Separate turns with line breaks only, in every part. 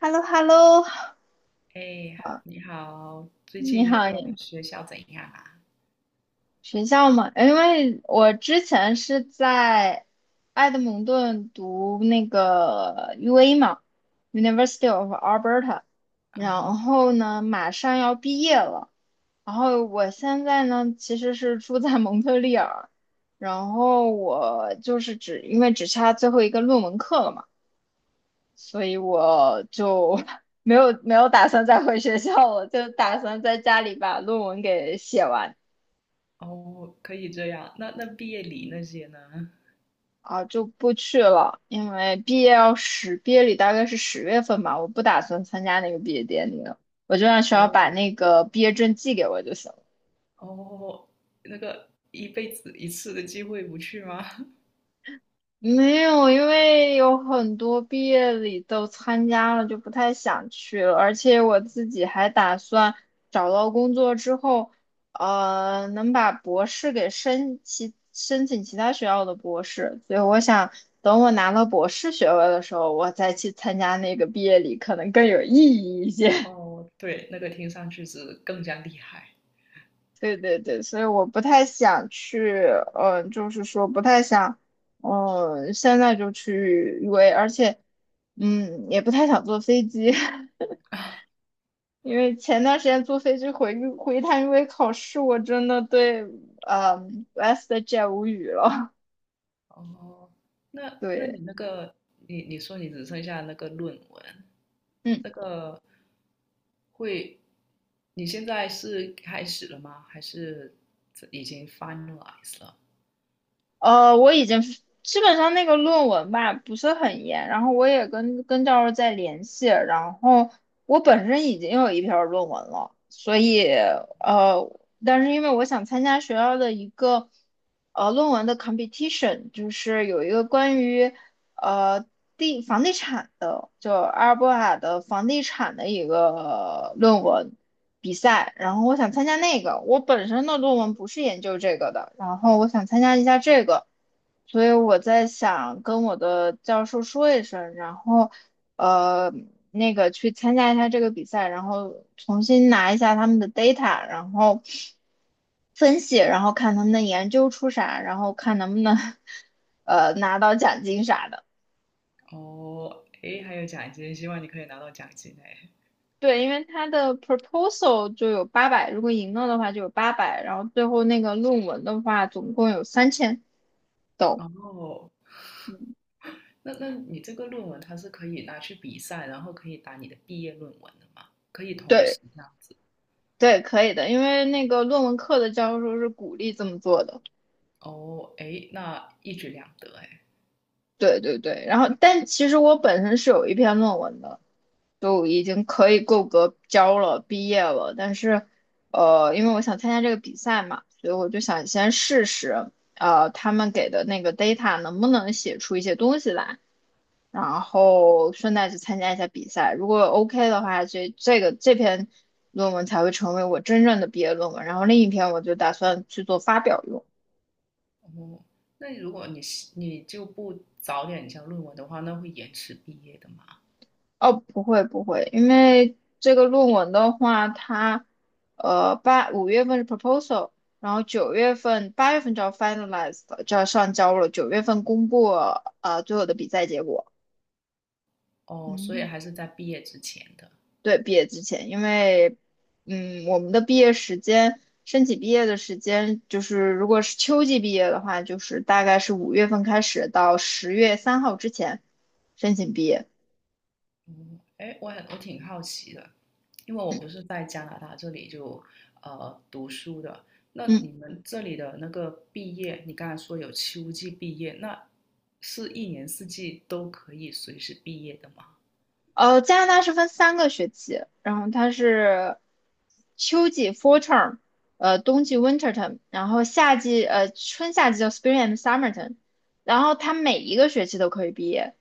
h e l l o h e l l o
哎，你好，最
你
近
好，你
学校怎样啊？
学校吗？因为我之前是在埃德蒙顿读那个 UA 嘛，University of Alberta，
啊
然
哈。
后呢，马上要毕业了。然后我现在呢，其实是住在蒙特利尔，然后我就是只因为只差最后一个论文课了嘛。所以我就 没有打算再回学校了，就打算在家里把论文给写完
哦，可以这样。那毕业礼那些呢？
啊，就不去了，因为毕业礼大概是十月份吧，我不打算参加那个毕业典礼了，我就让学校把
哦
那个毕业证寄给我就行。
哦，那个一辈子一次的机会不去吗？
没有，因为有很多毕业礼都参加了，就不太想去了。而且我自己还打算找到工作之后，能把博士给申请其他学校的博士。所以我想等我拿到博士学位的时候，我再去参加那个毕业礼，可能更有意义一些。
哦，对，那个听上去是更加厉害。
对对对，所以我不太想去，就是说不太想，现在就去 UA，而且，也不太想坐飞机，因为前段时间坐飞机回一趟 UA 考试，我真的对，w e s t j e t 无语了。
哦，那
对，
你那个，你说你只剩下那个论文，
嗯。
那个会，你现在是开始了吗？还是已经 finalize 了？
我已经基本上那个论文吧不是很严，然后我也跟教授在联系，然后我本身已经有一篇论文了，所以呃，但是因为我想参加学校的一个论文的 competition，就是有一个关于呃房地产的，就阿尔伯塔的房地产的一个论文，比赛，然后我想参加那个。我本身的论文不是研究这个的，然后我想参加一下这个，所以我在想跟我的教授说一声，然后呃去参加一下这个比赛，然后重新拿一下他们的 data，然后分析，然后看他们的研究出啥，然后看能不能 拿到奖金啥的。
哦，诶，还有奖金，希望你可以拿到奖金诶。
对，因为他的 proposal 就有八百，如果赢了的话就有八百，然后最后那个论文的话总共有3000都，
哦，
嗯，
那你这个论文它是可以拿去比赛，然后可以打你的毕业论文的吗？可以同
对
时这样子。
对，可以的，因为那个论文课的教授是鼓励这么做的，
哦，诶，那一举两得诶。
对对对，然后但其实我本身是有一篇论文的，就已经可以够格交了，毕业了，但是因为我想参加这个比赛嘛，所以我就想先试试，他们给的那个 data 能不能写出一些东西来。然后顺带去参加一下比赛。如果 OK 的话，这篇论文才会成为我真正的毕业论文。然后另一篇我就打算去做发表用。
哦，那如果你是你就不早点交论文的话，那会延迟毕业的嘛？
哦，不会不会，因为这个论文的话，它五月份是 proposal，然后九月份八月份就要 finalize 了，就要上交了，九月份公布最后的比赛结果。
哦，所以
嗯。
还是在毕业之前的。
对，毕业之前，因为，我们的毕业时间，申请毕业的时间，就是如果是秋季毕业的话，就是大概是五月份开始到10月3号之前申请毕业。
哎，我挺好奇的，因为我不是在加拿大这里就读书的。那
嗯，
你们这里的那个毕业，你刚才说有秋季毕业，那是一年四季都可以随时毕业的吗？
加拿大是分三个学期，然后它是秋季 （fall term），冬季 （winter term），然后夏季，春夏季叫 spring and summer term，然后它每一个学期都可以毕业。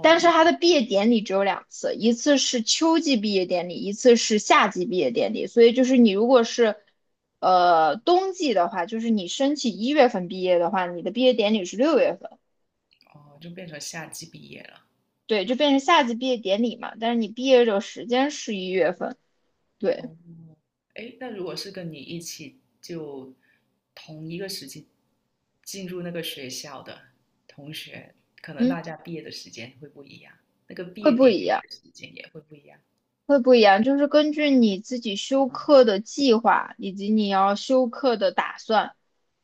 但是他的毕业典礼只有两次，一次是秋季毕业典礼，一次是夏季毕业典礼。所以就是你如果是，冬季的话，就是你申请一月份毕业的话，你的毕业典礼是六月份，
哦，就变成夏季毕业了。
对，就变成夏季毕业典礼嘛。但是你毕业的时间是一月份，对，
哦，哎，那如果是跟你一起就同一个时期进入那个学校的同学，可能
嗯，
大家毕业的时间会不一样，那个毕
会
业
不
典
一
礼
样，
的时间也会不一样。
会不一样，就是根据你自己修
啊。
课的计划以及你要修课的打算。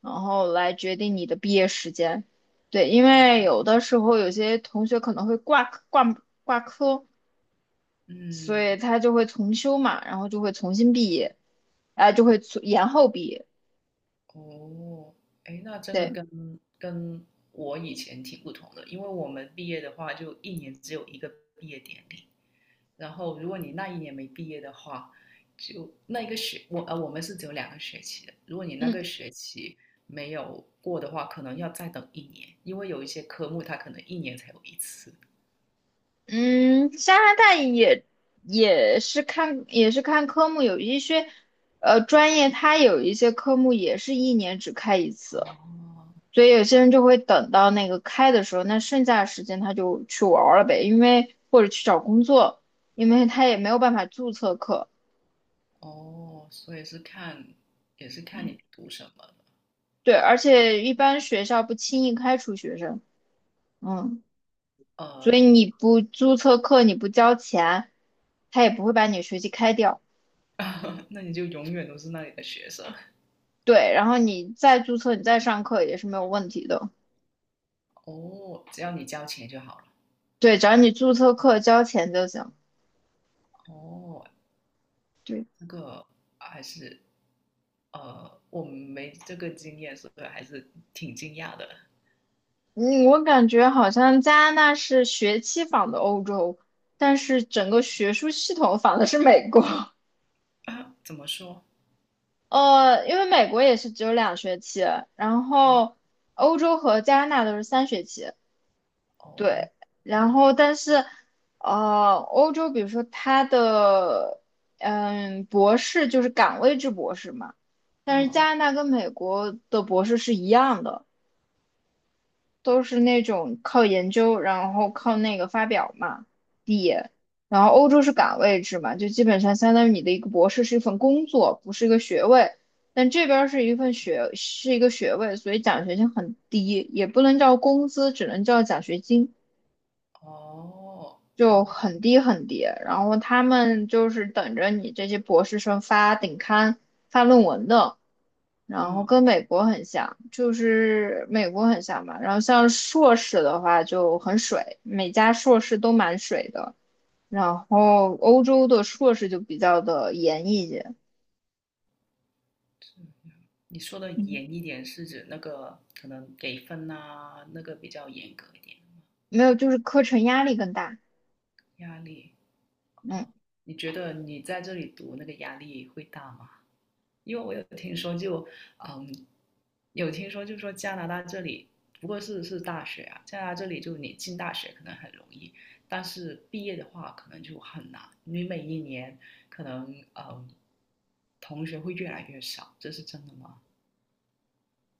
然后来决定你的毕业时间。对，因
哦。
为有的时候有些同学可能会挂科挂科，所
嗯。
以他就会重修嘛，然后就会重新毕业，啊，就会延后毕业。
哦，哎，那真的
对，
跟我以前挺不同的，因为我们毕业的话，就一年只有一个毕业典礼，然后如果你那一年没毕业的话，就那一个学，我,我们是只有两个学期的，如果你那
嗯
个学期没有过的话，可能要再等一年，因为有一些科目它可能一年才有一次。
嗯，加拿大也是看科目，有一些专业它有一些科目也是一年只开一次。
哦。
所以有些人就会等到那个开的时候，那剩下的时间他就去玩儿了呗，因为或者去找工作，因为他也没有办法注册课。
哦，所以是看，也是看你读什么
对，而且一般学校不轻易开除学生，嗯，所
呃。
以你不注册课，你不交钱，他也不会把你学籍开掉。
那你就永远都是那里的学生。
对，然后你再注册，你再上课也是没有问题的。
哦，只要你交钱就好了。
对，只要你注册课交钱就行。
哦，
对。
这个还是我没这个经验，所以还是挺惊讶的。
嗯，我感觉好像加拿大是学期仿的欧洲，但是整个学术系统仿的是美国。
啊，怎么说？
因为美国也是只有两学期，然
嗯。
后欧洲和加拿大都是三学期。对，
哦。
然后但是，欧洲比如说它的博士就是岗位制博士嘛，但是
嗯。
加拿大跟美国的博士是一样的。都是那种靠研究，然后靠那个发表嘛，毕业。然后欧洲是岗位制嘛，就基本上相当于你的一个博士是一份工作，不是一个学位。但这边儿是一份学，是一个学位，所以奖学金很低，也不能叫工资，只能叫奖学金。
哦。
就
哦。
很低很低，然后他们就是等着你这些博士生发顶刊、发论文的，然
嗯。
后
嗯，
跟美国很像，就是美国很像吧。然后像硕士的话就很水，每家硕士都蛮水的。然后欧洲的硕士就比较的严一些，
你说的
嗯，
严一点是指那个可能给分啊，那个比较严格一点。
没有，就是课程压力更大，
压力。
嗯，
哦，你觉得你在这里读那个压力会大吗？因为我有听说就，嗯，有听说就说加拿大这里，不过是大学啊，加拿大这里就你进大学可能很容易，但是毕业的话可能就很难。你每一年可能嗯，同学会越来越少，这是真的吗？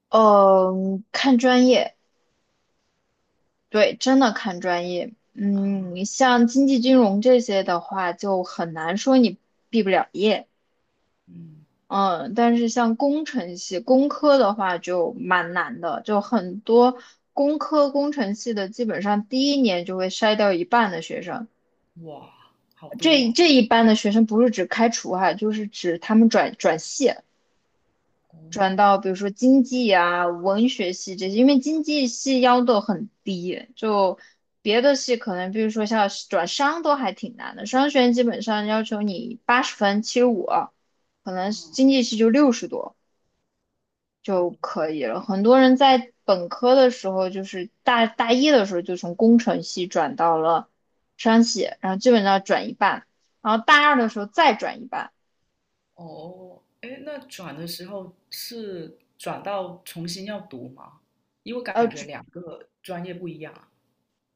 呃，看专业，对，真的看专业。嗯，像经济金融这些的话，就很难说你毕不了业。
嗯。
嗯，但是像工程系、工科的话就蛮难的，就很多工科、工程系的，基本上第一年就会筛掉一半的学生。
哇，好
这
多。
这一半的学生不是指开除哈，就是指他们转系。转
哦。
到比如说经济啊、文学系这些，因为经济系要求很低，就别的系可能，比如说像转商都还挺难的，商学院基本上要求你80分、75，可能
哦。
经济系就60多就
嗯。
可以了。很多人在本科的时候，就是大一的时候就从工程系转到了商系，然后基本上转一半，然后大二的时候再转一半。
哦，哎，那转的时候是转到重新要读吗？因为我感觉
呃
两个专业不一样啊。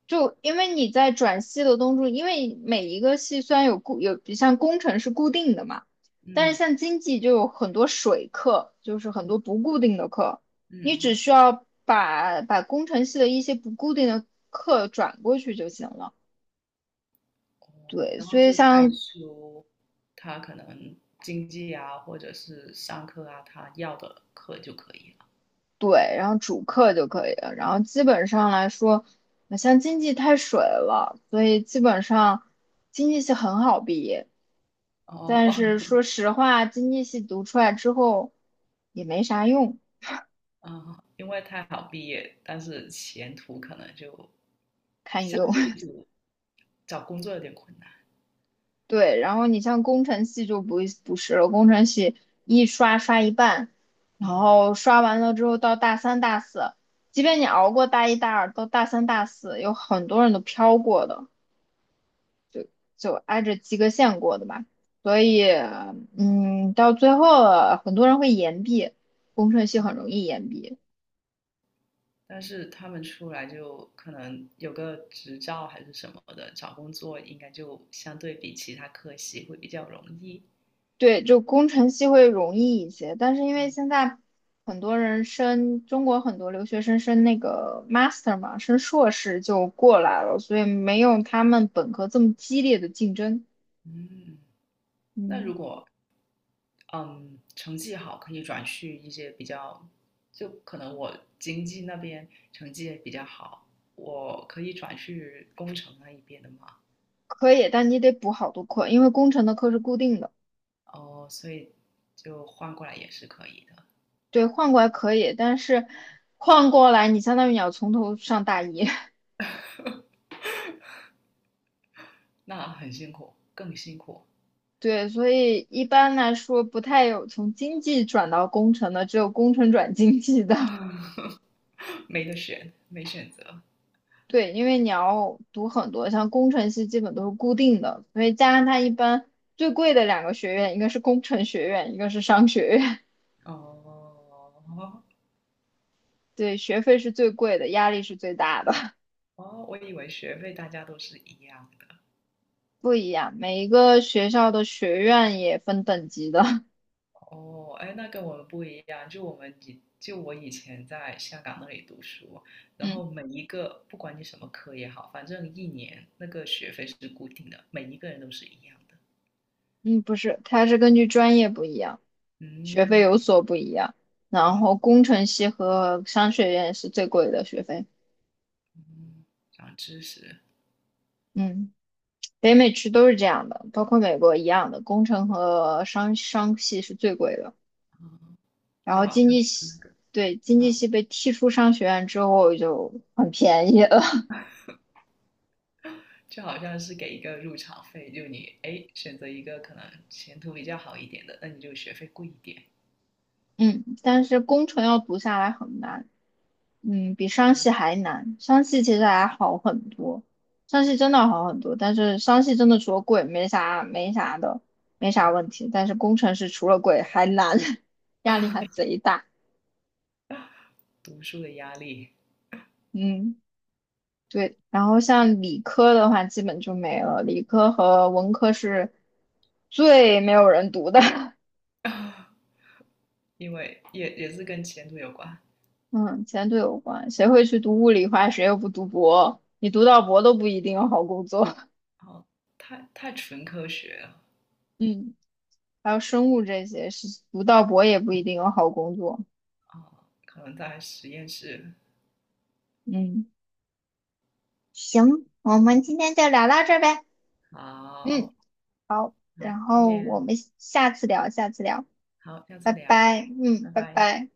就因为你在转系的东西，因为每一个系虽然有固有，像工程是固定的嘛，但是
嗯。
像经济就有很多水课，就是很多
嗯。
不固定的课，你
嗯。
只需要把工程系的一些不固定的课转过去就行了。
哦，
对，
然后
所以
就再
像
修他可能经济啊，或者是上课啊，他要的课就可以了。
对，然后主课就可以了，然后基本上来说，像经济太水了，所以基本上经济系很好毕业。
哦
但
哦。
是说实话，经济系读出来之后也没啥用，
啊，因为太好毕业，但是前途可能就
堪忧。
相对 就找工作有点困难。
对，然后你像工程系就不是了，工程系一刷刷一半，然
嗯。
后刷完了之后到大三大四，即便你熬过大一大二，到大三大四有很多人都飘过的，就挨着及格线过的吧。所以，嗯，到最后很多人会延毕，工程系很
嗯。
容易延毕。
但是他们出来就可能有个执照还是什么的，找工作应该就相对比其他科系会比较容易。
对，就工程系会容易一些，但是因为现在很多人升，中国很多留学生升那个 master 嘛，升硕士就过来了，所以没有他们本科这么激烈的竞争。
嗯，那如
嗯，
果嗯成绩好，可以转去一些比较，就可能我经济那边成绩也比较好，我可以转去工程那一边的嘛。
可以，但你得补好多课，因为工程的课是固定的。
哦，所以就换过来也是可以的。
对，换过来可以，但是换过来你相当于你要从头上大一。
那很辛苦，更辛苦。
对，所以一般来说不太有从经济转到工程的，只有工程转经济的。
没得选，没选择。
对，因为你要读很多，像工程系基本都是固定的，所以加上它一般最贵的两个学院，一个是工程学院，一个是商学院，
哦。
对，学费是最贵的，压力是最大的，
哦，我以为学费大家都是一样的。
不一样。每一个学校的学院也分等级的，
哦，哎，那跟我们不一样，就我以前在香港那里读书，然
嗯
后每一个不管你什么科也好，反正一年那个学费是固定的，每一个人都是一样的。
嗯，不是，它是根据专业不一样，学费有
嗯。
所不一样。然
嗯。
后工程系和商学院是最贵的学费，
嗯，长知识。
嗯。北美区都是这样的，包括美国一样的，工程和商系是最贵的。然
就
后
好
经
像
济
是那
系，
个。
对，经济
啊，
系被踢出商学院之后就很便宜了。
就好像是给一个入场费，就你哎选择一个可能前途比较好一点的，那你就学费贵一点。
嗯，但是工程要读下来很难，嗯，比商系还难。商系其实还 好很多，商系真的好很多，但是商系真的除了贵没啥的，没啥问题。但是工程是除了贵还难，压力还
啊。
贼大。
读书的压力。
嗯，对。然后像理科的话，基本就没了，理科和文科是最没有人读的。
因为也是跟前途有关。
嗯，钱途有关。谁会去读物理化？谁又不读博？你读到博都不一定有好工作。
然后太纯科学了。
嗯，还有生物这些是读到博也不一定有好工作。
啊，可能在实验室。
嗯行，我们今天就聊到这儿呗。嗯，
好。好，
然
再
后我
见。
们下次聊，下次聊，
好，下
拜
次聊。
拜。嗯，
拜
拜
拜。
拜。